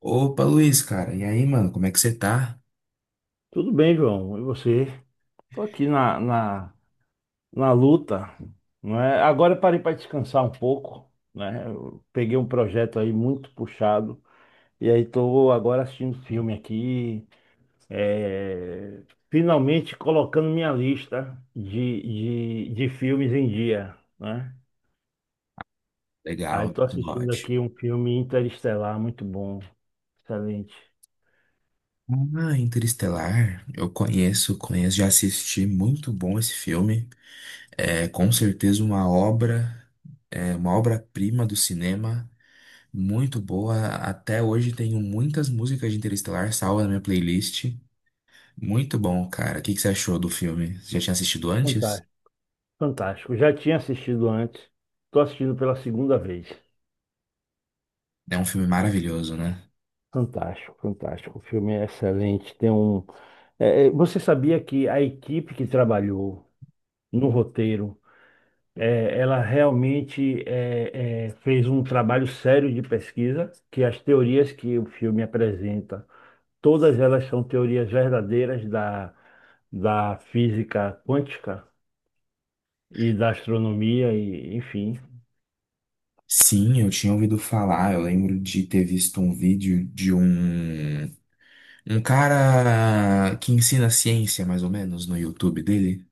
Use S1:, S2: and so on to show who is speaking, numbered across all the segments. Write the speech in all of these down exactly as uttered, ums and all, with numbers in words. S1: Opa, Luiz, cara. E aí, mano, como é que você tá?
S2: Tudo bem, João. E você? Tô aqui na, na, na luta, não é? Agora eu parei para descansar um pouco, né? Eu peguei um projeto aí muito puxado e aí tô agora assistindo filme aqui, é, finalmente colocando minha lista de, de, de filmes em dia, né? Aí
S1: Legal,
S2: tô
S1: tudo
S2: assistindo
S1: ótimo.
S2: aqui um filme Interestelar, muito bom, excelente,
S1: Ah, Interestelar, eu conheço, conheço, já assisti, muito bom esse filme. É com certeza uma obra, é uma obra-prima do cinema, muito boa. Até hoje tenho muitas músicas de Interestelar salvas na minha playlist. Muito bom, cara. O que que você achou do filme? Você já tinha assistido antes?
S2: fantástico, fantástico. Já tinha assistido antes, tô assistindo pela segunda vez.
S1: É um filme maravilhoso, né?
S2: Fantástico, fantástico. O filme é excelente. Tem um. é, é, você sabia que a equipe que trabalhou no roteiro, é, ela realmente é, é, fez um trabalho sério de pesquisa, que as teorias que o filme apresenta, todas elas são teorias verdadeiras da, da física quântica e da astronomia, e, enfim.
S1: Sim, eu tinha ouvido falar. Eu lembro de ter visto um vídeo de um Um cara que ensina ciência, mais ou menos, no YouTube dele,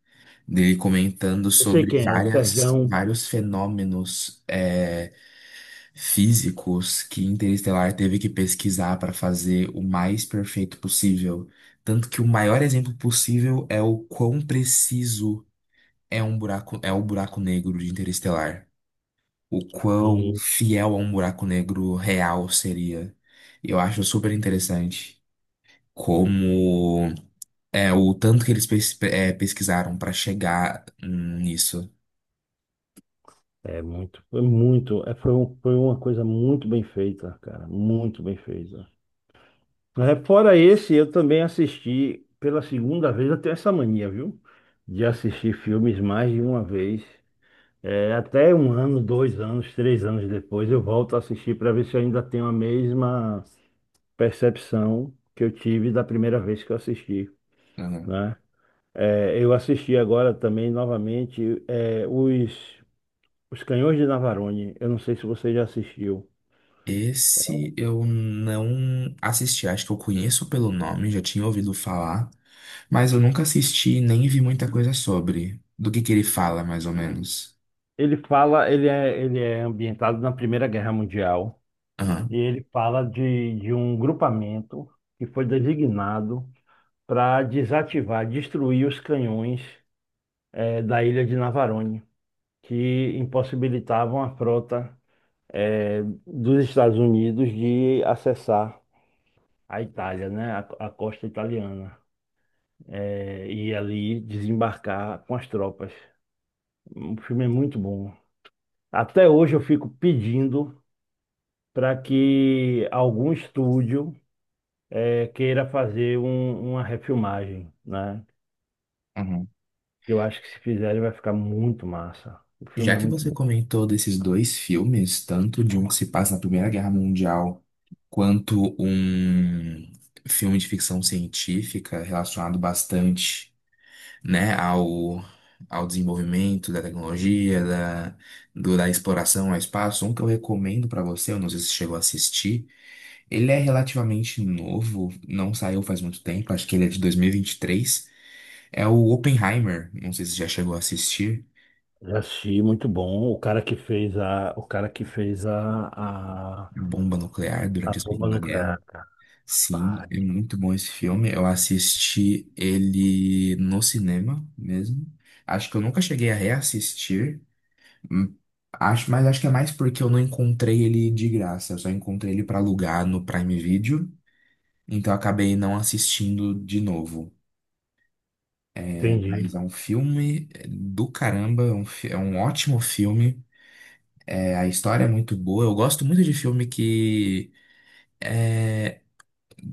S1: dele comentando
S2: Eu sei
S1: sobre
S2: quem é,
S1: várias,
S2: Serjão.
S1: vários fenômenos é, físicos que Interestelar teve que pesquisar para fazer o mais perfeito possível. Tanto que o maior exemplo possível é o quão preciso é um buraco, é o buraco negro de Interestelar. O quão fiel a um buraco negro real seria. Eu acho super interessante como é, o tanto que eles pes- é, pesquisaram pra chegar nisso.
S2: É muito, foi muito, é, foi, um- Foi uma coisa muito bem feita, cara, muito bem feita. É, fora esse, eu também assisti pela segunda vez, eu tenho essa mania, viu? De assistir filmes mais de uma vez. É, até um ano, dois anos, três anos depois, eu volto a assistir para ver se eu ainda tenho a mesma percepção que eu tive da primeira vez que eu assisti,
S1: Uhum.
S2: né? É, eu assisti agora também novamente é, os, os Canhões de Navarone. Eu não sei se você já assistiu.
S1: Esse eu não assisti, acho que eu conheço pelo nome, já tinha ouvido falar, mas eu nunca assisti nem vi muita coisa sobre. Do que que ele fala, mais ou menos.
S2: Ele fala, ele é, ele é ambientado na Primeira Guerra Mundial e
S1: Aham.
S2: ele fala de, de um grupamento que foi designado para desativar, destruir os canhões eh, da ilha de Navarone, que impossibilitavam a frota eh, dos Estados Unidos de acessar a Itália, né, a, a costa italiana, eh, e ali desembarcar com as tropas. O filme é muito bom. Até hoje eu fico pedindo para que algum estúdio eh, queira fazer um- uma refilmagem, né?
S1: Uhum.
S2: Eu acho que se fizerem vai ficar muito massa. O filme
S1: Já
S2: é
S1: que
S2: muito
S1: você
S2: bom.
S1: comentou desses dois filmes, tanto de um que se passa na Primeira Guerra Mundial, quanto um filme de ficção científica relacionado bastante, né, ao, ao desenvolvimento da tecnologia, da, do- da exploração ao espaço. Um que eu recomendo para você, eu não sei se você chegou a assistir, ele é relativamente novo, não saiu faz muito tempo, acho que ele é de dois mil e vinte e três. É o Oppenheimer, não sei se você já chegou a assistir.
S2: Já assisti, muito bom. O cara que fez a, o cara que fez a, a,
S1: Bomba nuclear
S2: a
S1: durante a
S2: bomba
S1: Segunda Guerra.
S2: nuclear, cara.
S1: Sim,
S2: Pai,
S1: é muito bom esse filme. Eu assisti ele no cinema mesmo. Acho que eu nunca cheguei a reassistir. Hum. Acho, mas acho que é mais porque eu não encontrei ele de graça. Eu só encontrei ele pra alugar no Prime Video. Então eu acabei não assistindo de novo. É,
S2: entendi.
S1: mas é um filme é, do caramba. É um, fi- é um ótimo filme. É, a história é muito boa. Eu gosto muito de filme que,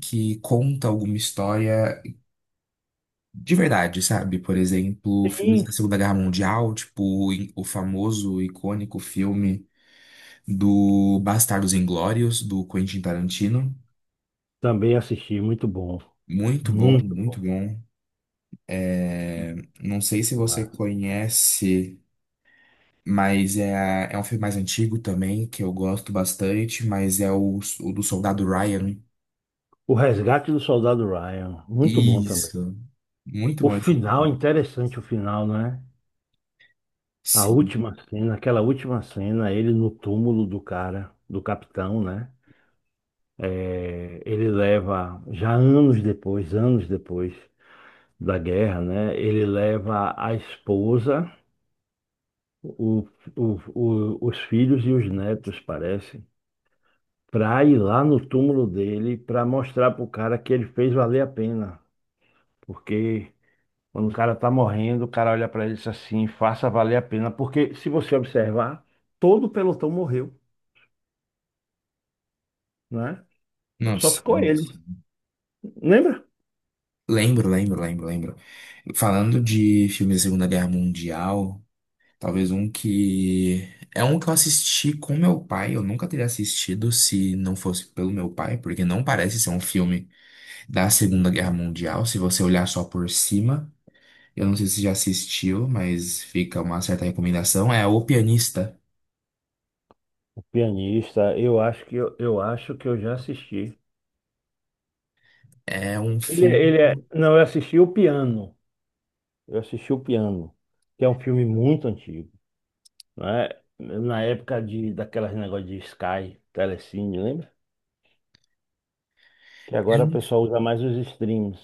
S1: que conta alguma história de verdade, sabe? Por exemplo, filmes da
S2: Sim.
S1: Segunda Guerra Mundial, tipo em- o famoso, icônico filme do Bastardos Inglórios, do Quentin Tarantino.
S2: Também assisti, muito bom.
S1: Muito bom,
S2: Muito
S1: muito
S2: bom.
S1: bom. É, não sei se você
S2: Massa.
S1: conhece, mas é, a- é um filme mais antigo também, que eu gosto bastante, mas é o, o do Soldado Ryan.
S2: O Resgate do Soldado Ryan, muito bom também.
S1: Isso. Muito
S2: O
S1: bom esse.
S2: final, interessante o final, né? A
S1: Sim.
S2: última cena, aquela última cena, ele no túmulo do cara, do capitão, né? É, ele leva, já anos depois, anos depois da guerra, né? Ele leva a esposa, o, o- o- os filhos e os netos, parece, para ir lá no túmulo dele para mostrar pro cara que ele fez valer a pena. Porque quando o cara tá morrendo, o cara olha para ele e diz assim, faça valer a pena. Porque se você observar, todo o pelotão morreu né?
S1: Não,
S2: Só ficou
S1: sim.
S2: ele. Lembra?
S1: Lembro, lembro, lembro, lembro. Falando de filmes da Segunda Guerra Mundial, talvez um que. É um que eu assisti com meu pai. Eu nunca teria assistido se não fosse pelo meu pai, porque não parece ser um filme da Segunda Guerra Mundial, se você olhar só por cima. Eu não sei se você já assistiu, mas fica uma certa recomendação. É O Pianista.
S2: O pianista, eu acho que eu, eu acho que eu já assisti.
S1: É um
S2: Ele,
S1: filme.
S2: é- ele é, não, eu assisti o Piano. Eu assisti o Piano, que é um filme muito antigo, né? Na época de daquelas negócio de Sky, Telecine, lembra? Que agora o pessoal usa mais os streams.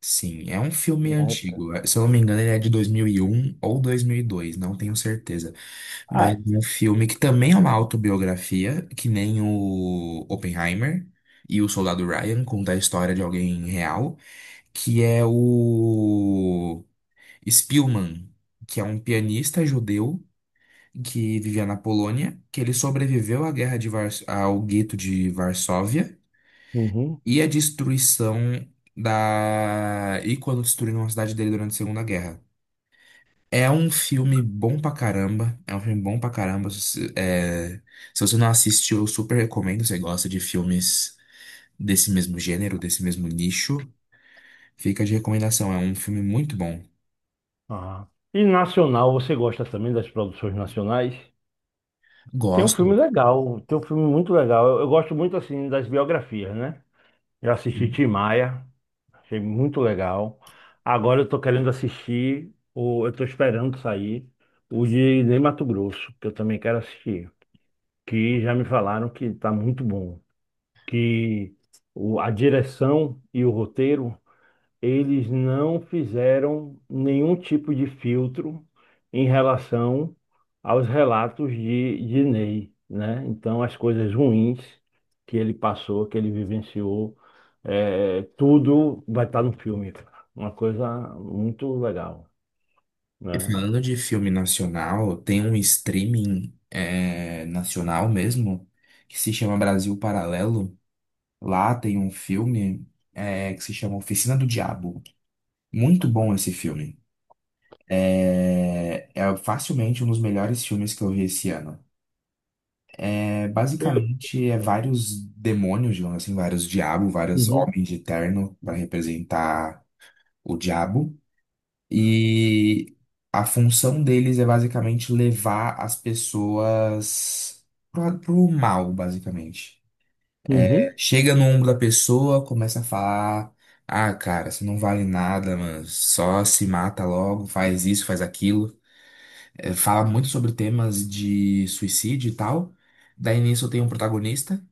S1: Sim, é um filme
S2: Na época.
S1: antigo. é, Se eu não me engano, ele é de dois mil e um ou dois mil e dois, não tenho certeza. Mas
S2: Ah,
S1: é um filme que também é uma autobiografia, que nem o Oppenheimer e o Soldado Ryan, conta a história de alguém real, que é o Spielman, que é um pianista judeu que vivia na Polônia, que ele sobreviveu à guerra de Vars- ao gueto de Varsóvia
S2: uhum.
S1: e à destruição da e quando destruíram a cidade dele durante a Segunda Guerra. É um filme bom pra caramba. É um filme bom pra caramba. Se, você- é, se você não assistiu, eu super recomendo. Se você gosta de filmes desse mesmo gênero, desse mesmo nicho, fica de recomendação. É um filme muito bom.
S2: Ah. E nacional, você gosta também das produções nacionais? Tem um filme
S1: Gosto.
S2: legal, tem um filme muito legal. Eu, eu gosto muito assim das biografias, né? Eu assisti Tim Maia. Achei muito legal. Agora eu tô querendo assistir, o, eu tô esperando sair o de Ney Matogrosso, que eu também quero assistir. Que já me falaram que tá muito bom. Que o, a direção e o roteiro eles não fizeram nenhum tipo de filtro em relação aos relatos de, de Ney, né? Então, as coisas ruins que ele passou, que ele vivenciou, é, tudo vai estar no filme, cara. Uma coisa muito legal,
S1: E
S2: né?
S1: falando de filme nacional, tem um streaming é, nacional mesmo que se chama Brasil Paralelo. Lá tem um filme é, que se chama Oficina do Diabo. Muito bom esse filme. É, é facilmente um dos melhores filmes que eu vi esse ano. É,
S2: Eu-
S1: basicamente, é vários demônios, digamos assim, vários diabos, vários
S2: Uhum,
S1: homens de terno para representar o diabo. E a função deles é basicamente levar as pessoas pro, pro mal, basicamente.
S2: uhum,
S1: Chega no ombro da pessoa, começa a falar: Ah, cara, você não vale nada, mano. Só se mata logo, faz isso, faz aquilo. É, fala muito sobre temas de suicídio e tal. Daí nisso tem um protagonista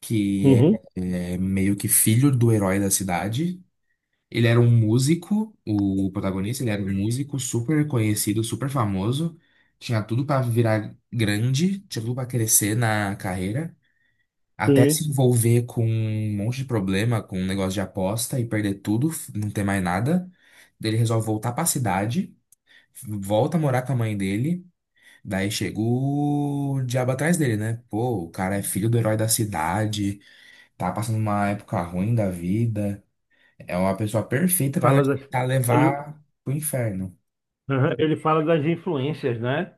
S1: que é
S2: uhum,
S1: é meio que filho do herói da cidade. Ele era um músico, o protagonista, ele era um músico super conhecido, super famoso, tinha tudo pra virar grande, tinha tudo pra crescer na carreira, até
S2: sim.
S1: se envolver com um monte de problema, com um negócio de aposta e perder tudo, f- não ter mais nada. Daí ele resolve voltar pra cidade, volta a morar com a mãe dele, daí chega o diabo atrás dele, né? Pô, o cara é filho do herói da cidade, tá passando uma época ruim da vida. É uma pessoa perfeita para
S2: Fala
S1: nós
S2: das,
S1: tentar
S2: ele,
S1: levar pro inferno.
S2: Aham, ele fala das influências, né?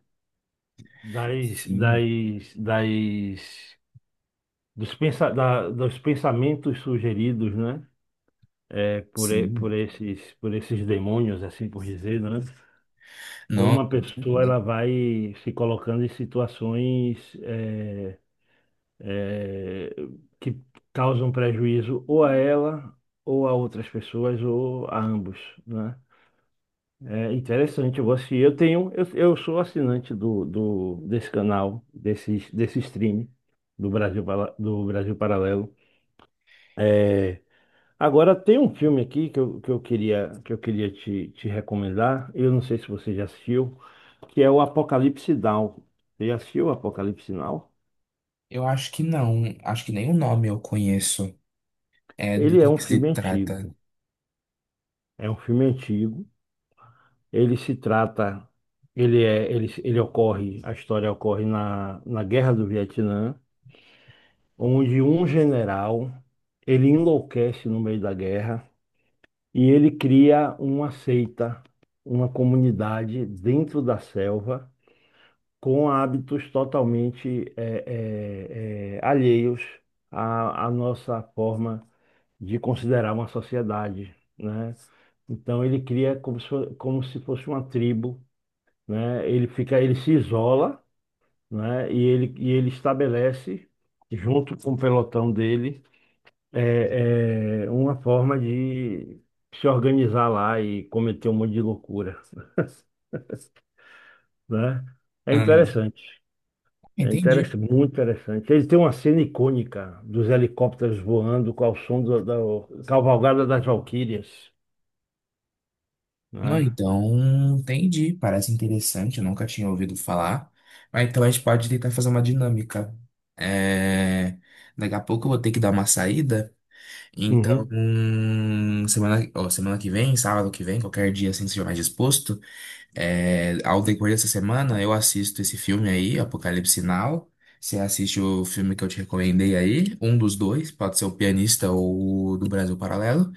S2: Das,
S1: Sim,
S2: das, das dos, pensa, da- dos pensamentos sugeridos, né? É, por, e- por
S1: sim.
S2: esses, por esses demônios, assim por dizer, né?
S1: Não,
S2: Como a
S1: com
S2: pessoa
S1: certeza.
S2: ela vai se colocando em situações é, é, que causam prejuízo ou a ela, ou a outras pessoas, ou a ambos, né? É interessante, eu vou assistir. Eu tenho, eu, eu sou assinante do, do, desse canal, desse, desse stream do Brasil, Pala- do Brasil Paralelo. É, agora tem um filme aqui que eu, que eu queria, que eu queria te, te recomendar. Eu não sei se você já assistiu, que é o Apocalipse Now. Você já assistiu o Apocalipse Now?
S1: Eu acho que não. Acho que nem o nome eu conheço. É do
S2: Ele é
S1: que
S2: um
S1: que se
S2: filme
S1: trata.
S2: antigo. É um filme antigo. Ele se trata, ele é, ele, ele ocorre, a história ocorre na, na Guerra do Vietnã, onde um general, ele enlouquece no meio da guerra e ele cria uma seita, uma comunidade dentro da selva com hábitos totalmente eh, eh, eh, alheios à, à nossa forma de considerar uma sociedade, né? Então ele cria como se, fo- como se fosse uma tribo, né? Ele fica, ele se isola, né? E ele, e ele estabelece, junto com o pelotão dele, eh, eh, uma forma de se organizar lá e cometer um monte de loucura, né? É
S1: Aham.
S2: interessante. É
S1: Entendi.
S2: interessante, muito interessante. Ele tem uma cena icônica dos helicópteros voando com o som do- da Cavalgada das Valquírias,
S1: Não,
S2: né?
S1: então, entendi. Parece interessante, eu nunca tinha ouvido falar. Mas então a gente pode tentar fazer uma dinâmica. É, Daqui a pouco eu vou ter que dar uma saída. Então,
S2: Uhum.
S1: hum, semana, ó, semana que vem, sábado que vem, qualquer dia assim, se estiver mais disposto. É, ao decorrer dessa semana, eu assisto esse filme aí, Apocalipse Now. Você assiste o filme que eu te recomendei aí, um dos dois, pode ser o Pianista ou o do Brasil Paralelo.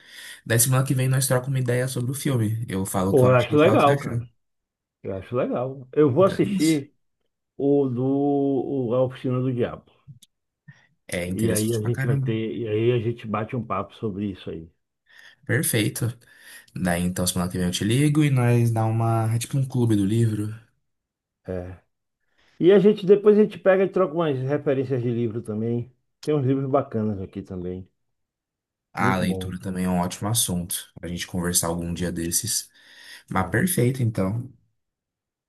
S1: Daí semana que vem nós trocamos uma ideia sobre o filme. Eu falo o que eu
S2: Pô, eu
S1: achei
S2: acho
S1: e falo o que você
S2: legal,
S1: achou.
S2: cara. Eu acho legal. Eu vou
S1: Então é isso.
S2: assistir o do o- A Oficina do Diabo.
S1: É
S2: E aí
S1: interessante
S2: a
S1: pra
S2: gente vai
S1: caramba.
S2: ter, e aí a gente bate um papo sobre isso aí.
S1: Perfeito. Daí então semana que vem eu te ligo e nós dá uma, é tipo um clube do livro.
S2: É. E a gente depois a gente pega e troca umas referências de livro também. Tem uns livros bacanas aqui também.
S1: Ah, a
S2: Muito bom.
S1: leitura também é um ótimo assunto pra gente conversar algum dia desses. Mas
S2: É.
S1: perfeito, então.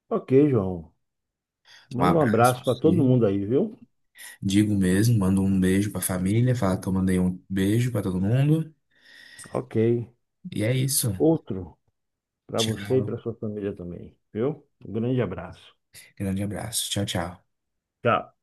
S2: Ok, João.
S1: Um
S2: Manda um
S1: abraço pra
S2: abraço para todo
S1: você.
S2: mundo aí, viu?
S1: Digo mesmo, mando um beijo pra família, fala que eu mandei um beijo pra todo mundo.
S2: Ok.
S1: E é isso.
S2: Outro para você e
S1: Tchau.
S2: para sua família também, viu? Um grande abraço.
S1: Grande abraço. Tchau, tchau.
S2: Tchau.